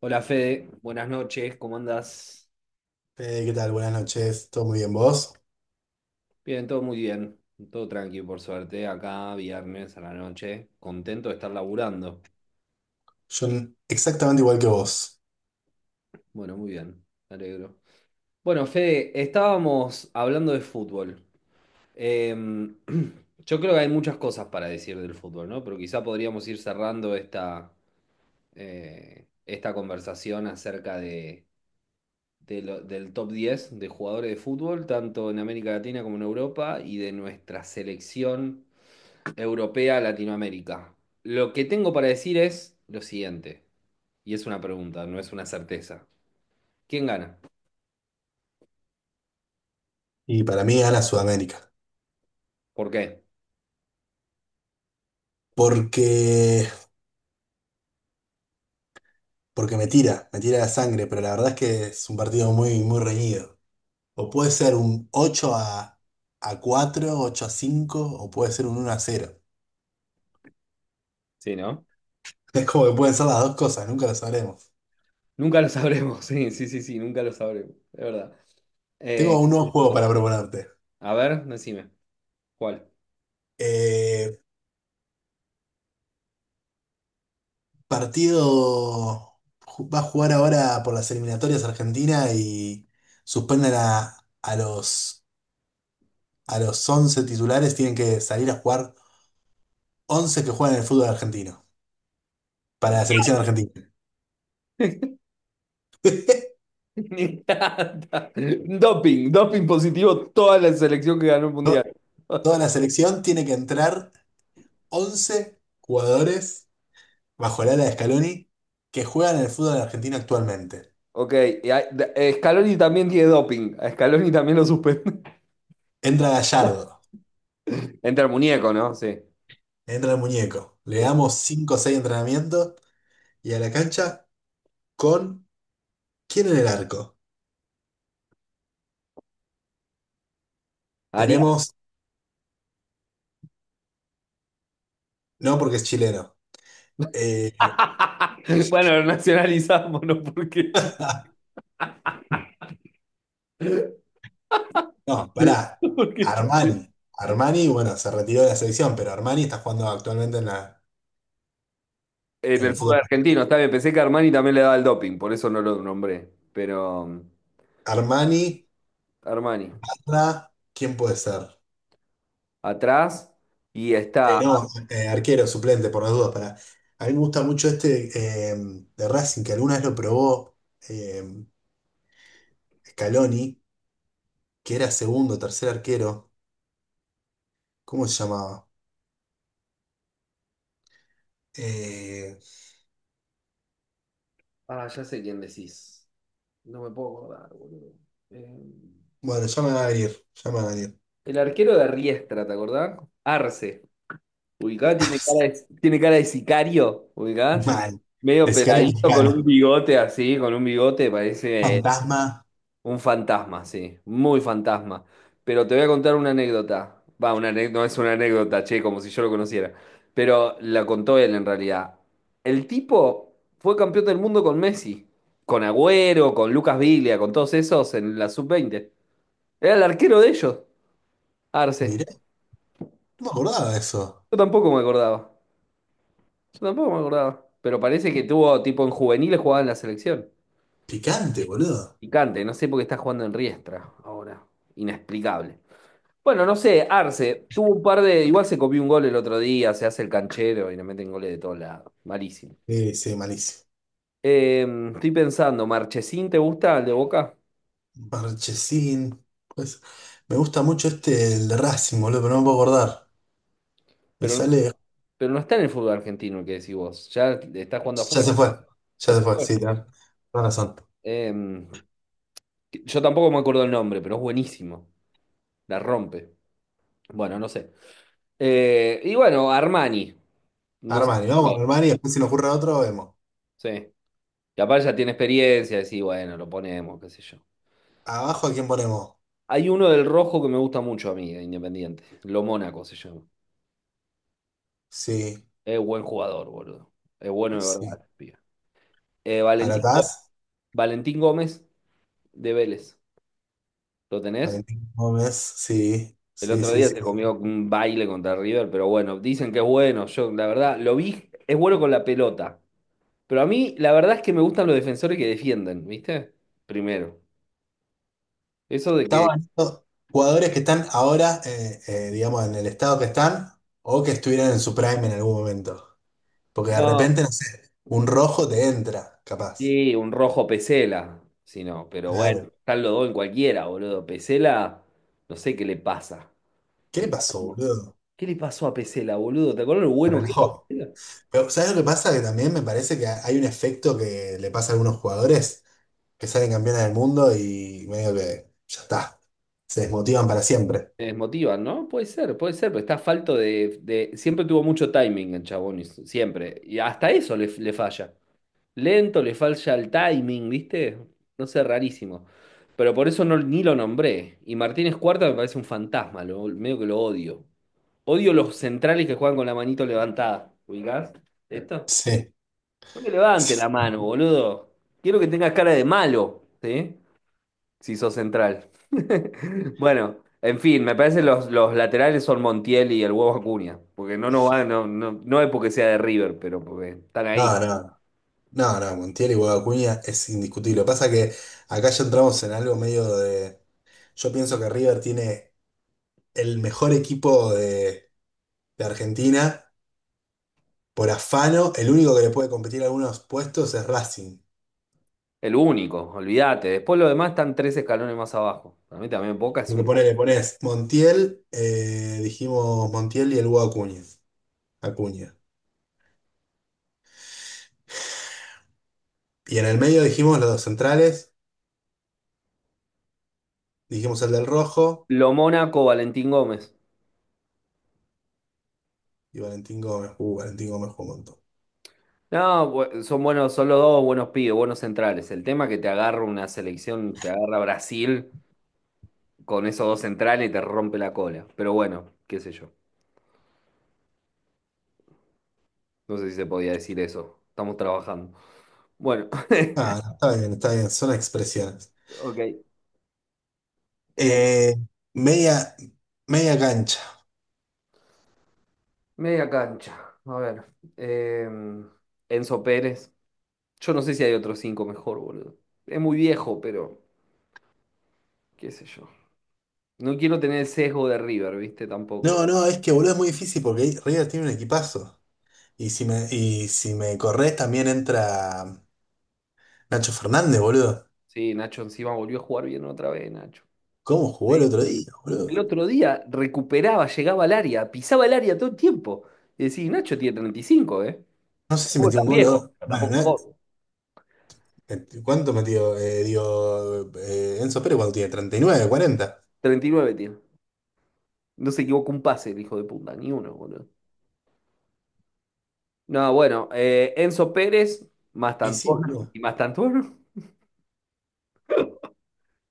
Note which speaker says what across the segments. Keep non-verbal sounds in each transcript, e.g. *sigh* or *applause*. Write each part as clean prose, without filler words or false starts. Speaker 1: Hola Fede, buenas noches, ¿cómo andás?
Speaker 2: Fede, ¿qué tal? Buenas noches. ¿Todo muy bien vos?
Speaker 1: Bien, todo muy bien, todo tranquilo por suerte, acá viernes a la noche, contento de estar laburando.
Speaker 2: Yo exactamente igual que vos.
Speaker 1: Bueno, muy bien, me alegro. Bueno, Fede, estábamos hablando de fútbol. Em, *clears throat* yo creo que hay muchas cosas para decir del fútbol, ¿no? Pero quizá podríamos ir cerrando esta conversación acerca del top 10 de jugadores de fútbol, tanto en América Latina como en Europa, y de nuestra selección europea, Latinoamérica. Lo que tengo para decir es lo siguiente, y es una pregunta, no es una certeza. ¿Quién gana?
Speaker 2: Y para mí gana Sudamérica.
Speaker 1: ¿Por qué?
Speaker 2: Porque, porque me tira la sangre, pero la verdad es que es un partido muy, muy reñido. O puede ser un 8 a 4, 8-5, o puede ser un 1-0.
Speaker 1: Sí, ¿no?
Speaker 2: *laughs* Es como que pueden ser las dos cosas, nunca lo sabremos.
Speaker 1: Nunca lo sabremos, *laughs* sí, sí, sí, sí, nunca lo sabremos, es verdad. Eh,
Speaker 2: Tengo un nuevo, Sí. juego para proponerte.
Speaker 1: a ver, decime, ¿cuál?
Speaker 2: Eh, Partido Va a jugar ahora por las eliminatorias Argentina y suspenden a los 11 titulares, tienen que salir a jugar 11 que juegan en el fútbol argentino para
Speaker 1: Sí.
Speaker 2: la selección argentina.
Speaker 1: *laughs*
Speaker 2: *laughs*
Speaker 1: Me encanta. Doping, doping positivo, toda la selección que ganó el
Speaker 2: To-
Speaker 1: mundial.
Speaker 2: Toda la
Speaker 1: *laughs*
Speaker 2: selección tiene que entrar 11 jugadores bajo el ala de Scaloni que juegan en el fútbol argentino actualmente.
Speaker 1: Ok, Scaloni también tiene doping. A Scaloni también lo suspende.
Speaker 2: Entra Gallardo,
Speaker 1: *laughs* Entre el muñeco, ¿no? Sí.
Speaker 2: entra el muñeco, le
Speaker 1: Sí.
Speaker 2: damos 5 o 6 entrenamientos y a la cancha con... ¿Quién en el arco?
Speaker 1: Haría
Speaker 2: Tenemos, no porque es chileno. Eh,
Speaker 1: *laughs* Bueno, lo nacionalizamos, ¿no?, porque Chile.
Speaker 2: *laughs*
Speaker 1: *laughs*
Speaker 2: no, pará.
Speaker 1: Porque Chile-
Speaker 2: Armani. Armani, bueno, se retiró de la selección, pero Armani está jugando actualmente en la,
Speaker 1: En
Speaker 2: en
Speaker 1: el
Speaker 2: el
Speaker 1: fútbol
Speaker 2: fútbol.
Speaker 1: argentino, está bien. Pensé que Armani también le daba el doping, por eso no lo nombré. Pero
Speaker 2: Armani,
Speaker 1: Armani,
Speaker 2: Parra, ¿quién puede ser?
Speaker 1: atrás. Y está.
Speaker 2: No, arquero, suplente, por las dudas. Para... A mí me gusta mucho este, de Racing, que alguna vez lo probó, eh, Scaloni, que era segundo, tercer arquero. ¿Cómo se llamaba? Eh,
Speaker 1: Ah, ya sé quién decís. No me puedo acordar, boludo. Eh,
Speaker 2: bueno, ya me va a venir, ya me va a venir.
Speaker 1: el arquero de Riestra, ¿te acordás? Arce. Ubicá, tiene cara
Speaker 2: *laughs*
Speaker 1: de, tiene cara de sicario. Ubicá.
Speaker 2: Mal.
Speaker 1: Medio
Speaker 2: De sicario
Speaker 1: peladito con un
Speaker 2: mexicano.
Speaker 1: bigote así, con un bigote, parece.
Speaker 2: Fantasma.
Speaker 1: Un fantasma, sí, muy fantasma. Pero te voy a contar una anécdota. Va, no es una anécdota, che, como si yo lo conociera. Pero la contó él en realidad. El tipo fue campeón del mundo con Messi, con Agüero, con Lucas Viglia, con todos esos en la sub 20. Era el arquero de ellos, Arce.
Speaker 2: Mirá, no me acordaba de eso.
Speaker 1: Yo tampoco me acordaba. Yo tampoco me acordaba. Pero parece que tuvo, tipo, en juveniles jugaba en la selección.
Speaker 2: Picante, boludo.
Speaker 1: Picante, no sé por qué está jugando en Riestra ahora. Inexplicable. Bueno, no sé, Arce, tuvo un par de. Igual se copió un gol el otro día, se hace el canchero y le meten goles de todos lados. Malísimo.
Speaker 2: Sí, sí, malísimo.
Speaker 1: Eh, Estoy pensando, ¿Marchesín te gusta el de Boca?
Speaker 2: Marchesín. Pues, me gusta mucho este, el de Racing, boludo, pero no me puedo acordar. Me
Speaker 1: Pero,
Speaker 2: sale.
Speaker 1: pero no está en el fútbol argentino, el que decís vos. Ya está jugando
Speaker 2: Ya
Speaker 1: afuera,
Speaker 2: se fue.
Speaker 1: ya
Speaker 2: Ya se
Speaker 1: se
Speaker 2: fue,
Speaker 1: fue.
Speaker 2: sí, tenés razón.
Speaker 1: Eh, yo tampoco me acuerdo el nombre, pero es buenísimo. La rompe. Bueno, no sé. Y bueno, Armani. No sé.
Speaker 2: Armani, vamos con Armani, después si nos ocurre otro, vemos.
Speaker 1: Sí. Capaz ya tiene experiencia, decís, bueno, lo ponemos, qué sé yo.
Speaker 2: Abajo, ¿a quién ponemos?
Speaker 1: Hay uno del rojo que me gusta mucho a mí, de Independiente. Lo Mónaco se llama.
Speaker 2: Sí,
Speaker 1: Es buen jugador, boludo. Es bueno de
Speaker 2: sí.
Speaker 1: verdad, pibe. Eh, Valentín, Gó-
Speaker 2: ¿Alatás?
Speaker 1: Valentín Gómez de Vélez. ¿Lo tenés?
Speaker 2: Valentín Gómez, sí,
Speaker 1: El
Speaker 2: sí,
Speaker 1: otro
Speaker 2: sí,
Speaker 1: día
Speaker 2: sí.
Speaker 1: se comió un baile contra River, pero bueno, dicen que es bueno. Yo, la verdad, lo vi, es bueno con la pelota. Pero a mí, la verdad es que me gustan los defensores que defienden, ¿viste? Primero. Eso de que.
Speaker 2: Estaban estos jugadores que están ahora, digamos, en el estado que están, o que estuvieran en su prime en algún momento. Porque de
Speaker 1: No.
Speaker 2: repente, no sé, un rojo te entra, capaz.
Speaker 1: Sí, un rojo Pesela, si no, pero bueno,
Speaker 2: Claro.
Speaker 1: están los dos en cualquiera, boludo. Pesela, no sé qué le pasa.
Speaker 2: ¿Qué le
Speaker 1: Está
Speaker 2: pasó,
Speaker 1: como,
Speaker 2: boludo?
Speaker 1: ¿qué le pasó a Pesela, boludo? ¿Te acuerdas lo
Speaker 2: Se
Speaker 1: bueno que era
Speaker 2: relajó.
Speaker 1: Pesela?
Speaker 2: Pero, ¿sabes lo que pasa? Que también me parece que hay un efecto que le pasa a algunos jugadores que salen campeones del mundo y medio que ya está. Se desmotivan para siempre.
Speaker 1: Te desmotivan, ¿no? Puede ser, pero está falto siempre tuvo mucho timing el chabón, siempre. Y hasta eso le falla. Lento, le falla el timing, ¿viste? No sé, rarísimo. Pero por eso no, ni lo nombré. Y Martínez Cuarta me parece un fantasma, medio que lo odio. Odio los centrales que juegan con la manito levantada. ¿Ubicás?
Speaker 2: *laughs*
Speaker 1: ¿Esto?
Speaker 2: Sí.
Speaker 1: No me levante la
Speaker 2: Sí.
Speaker 1: mano, boludo. Quiero que tengas cara de malo, ¿sí? Si sos central. *laughs* Bueno, en fin, me parece los laterales son Montiel y el huevo Acuña. Porque no, no va, no, no, no es porque sea de River, pero porque están ahí.
Speaker 2: No, no. No, no, Montiel y Guado Acuña es indiscutible. Pasa que acá ya entramos en algo medio de. Yo pienso que River tiene el mejor equipo de Argentina por afano. El único que le puede competir a algunos puestos es Racing.
Speaker 1: El único, olvídate. Después los demás están tres escalones más abajo. Para mí también Boca es
Speaker 2: Porque
Speaker 1: un.
Speaker 2: pone, le pones Montiel, dijimos Montiel y el Guado Acuña. Acuña. Y en el medio dijimos los dos centrales, dijimos el del Rojo
Speaker 1: Lo Mónaco, Valentín Gómez.
Speaker 2: y Valentín Gómez. Valentín Gómez jugó un montón.
Speaker 1: No, son buenos, son los dos buenos pibes, buenos centrales. El tema es que te agarra una selección, te agarra Brasil con esos dos centrales y te rompe la cola. Pero bueno, qué sé yo. No sé si se podía decir eso. Estamos trabajando. Bueno, *laughs*
Speaker 2: Ah, no, está bien, son expresiones.
Speaker 1: ok. Eh,
Speaker 2: Eh, media, media cancha.
Speaker 1: Media cancha. A ver. eh, Enzo Pérez. Yo no sé si hay otros cinco mejor, boludo. Es muy viejo, pero qué sé yo. No quiero tener el sesgo de River, ¿viste? Tampoco.
Speaker 2: No, no, es que boludo es muy difícil porque River tiene un equipazo. Y si me corres también entra Nacho Fernández, boludo.
Speaker 1: Sí, Nacho encima volvió a jugar bien otra vez, Nacho.
Speaker 2: ¿Cómo jugó
Speaker 1: Sí.
Speaker 2: el otro día,
Speaker 1: El
Speaker 2: boludo?
Speaker 1: otro día recuperaba, llegaba al área, pisaba el área todo el tiempo. Y decís, Nacho tiene 35, ¿eh?
Speaker 2: No sé si
Speaker 1: Tampoco es
Speaker 2: metió un
Speaker 1: tan
Speaker 2: gol o
Speaker 1: viejo,
Speaker 2: dos.
Speaker 1: pero
Speaker 2: Bueno,
Speaker 1: tampoco es joven.
Speaker 2: ¿cuánto metió? Enzo Pérez cuando tiene 39, 40.
Speaker 1: 39 tiene. No se equivocó un pase, el hijo de puta, ni uno, boludo. No, bueno, Enzo Pérez,
Speaker 2: Y sí,
Speaker 1: Mastantuono *laughs*
Speaker 2: boludo.
Speaker 1: y Mastantuono.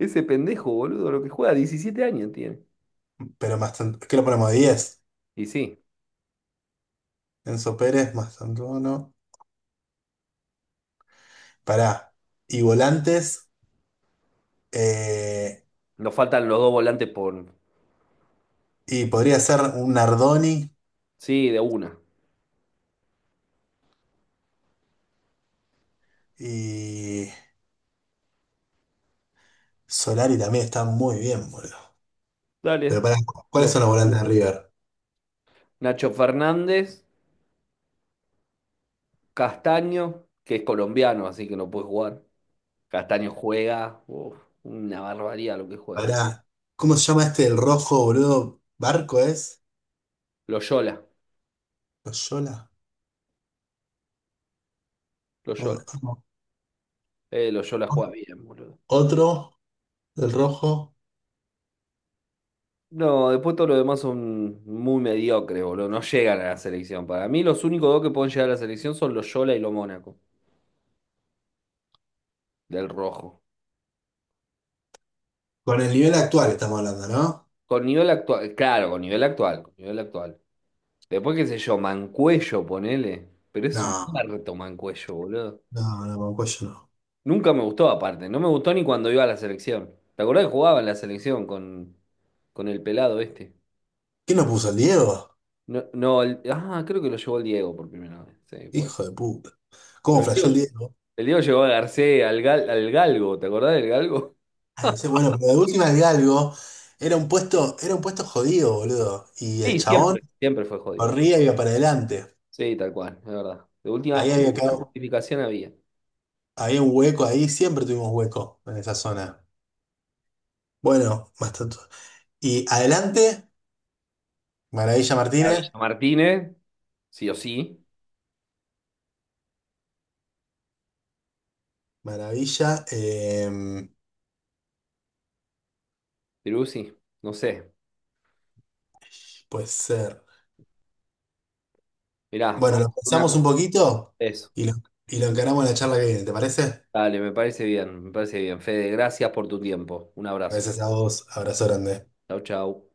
Speaker 1: Ese pendejo, boludo, lo que juega, 17 años tiene.
Speaker 2: Pero ¿qué lo ponemos? 10.
Speaker 1: Y sí,
Speaker 2: Enzo Pérez, más Tantuono. Pará. Y volantes. eh,
Speaker 1: nos faltan los dos volantes por...
Speaker 2: y podría ser un Nardoni.
Speaker 1: Sí, de una.
Speaker 2: Y Solari también está muy bien, boludo. Pero
Speaker 1: Dale.
Speaker 2: pará, ¿cuáles
Speaker 1: Yo.
Speaker 2: son los volantes de River?
Speaker 1: Nacho Fernández, Castaño, que es colombiano, así que no puede jugar. Castaño juega, uf, una barbaridad lo que juega ese.
Speaker 2: Pará, ¿cómo se llama este? ¿El rojo, boludo? ¿Barco es?
Speaker 1: Loyola,
Speaker 2: ¿Loyola?
Speaker 1: Loyola.
Speaker 2: No, no.
Speaker 1: Loyola juega
Speaker 2: No.
Speaker 1: bien, boludo.
Speaker 2: Otro, el rojo.
Speaker 1: No, después todo lo demás son muy mediocres, boludo. No llegan a la selección. Para mí, los únicos dos que pueden llegar a la selección son Loyola y lo Mónaco, del rojo.
Speaker 2: Con el nivel actual estamos hablando, ¿no?
Speaker 1: Con nivel actual, claro, con nivel actual, con nivel actual. Después, qué sé yo, Mancuello, ponele. Pero es un
Speaker 2: No,
Speaker 1: muerto Mancuello, boludo.
Speaker 2: no, no, con cuello no.
Speaker 1: Nunca me gustó, aparte. No me gustó ni cuando iba a la selección. ¿Te acordás que jugaba en la selección con el pelado este?
Speaker 2: ¿Quién nos puso el Diego?
Speaker 1: No, no, ah, creo que lo llevó el Diego por primera vez. Sí, pues.
Speaker 2: Hijo de puta.
Speaker 1: Pero
Speaker 2: ¿Cómo
Speaker 1: el
Speaker 2: flasheó
Speaker 1: Diego,
Speaker 2: el Diego?
Speaker 1: el Diego llevó a Garcés, al Galgo, ¿te acordás del Galgo?
Speaker 2: Ah, no sé, bueno, pero de última el Galgo era un puesto jodido, boludo. Y el
Speaker 1: Sí,
Speaker 2: chabón
Speaker 1: siempre. Siempre fue jodido.
Speaker 2: corría y iba para adelante.
Speaker 1: Sí, tal cual, es verdad. De última,
Speaker 2: Ahí había, ca-
Speaker 1: una justificación había.
Speaker 2: Había un hueco ahí, siempre tuvimos hueco en esa zona. Bueno, más tanto. Y adelante, Maravilla
Speaker 1: La Villa
Speaker 2: Martínez.
Speaker 1: Martínez, sí o sí.
Speaker 2: Maravilla,
Speaker 1: Peruzzi, no sé.
Speaker 2: puede ser.
Speaker 1: Mirá, vamos
Speaker 2: Bueno, lo
Speaker 1: a hacer una
Speaker 2: pensamos un
Speaker 1: cosa.
Speaker 2: poquito
Speaker 1: Eso.
Speaker 2: y lo, y lo encaramos en la charla que viene, ¿te parece?
Speaker 1: Dale, me parece bien, me parece bien. Fede, gracias por tu tiempo. Un abrazo.
Speaker 2: Gracias a vos, abrazo grande.
Speaker 1: Chau, chau.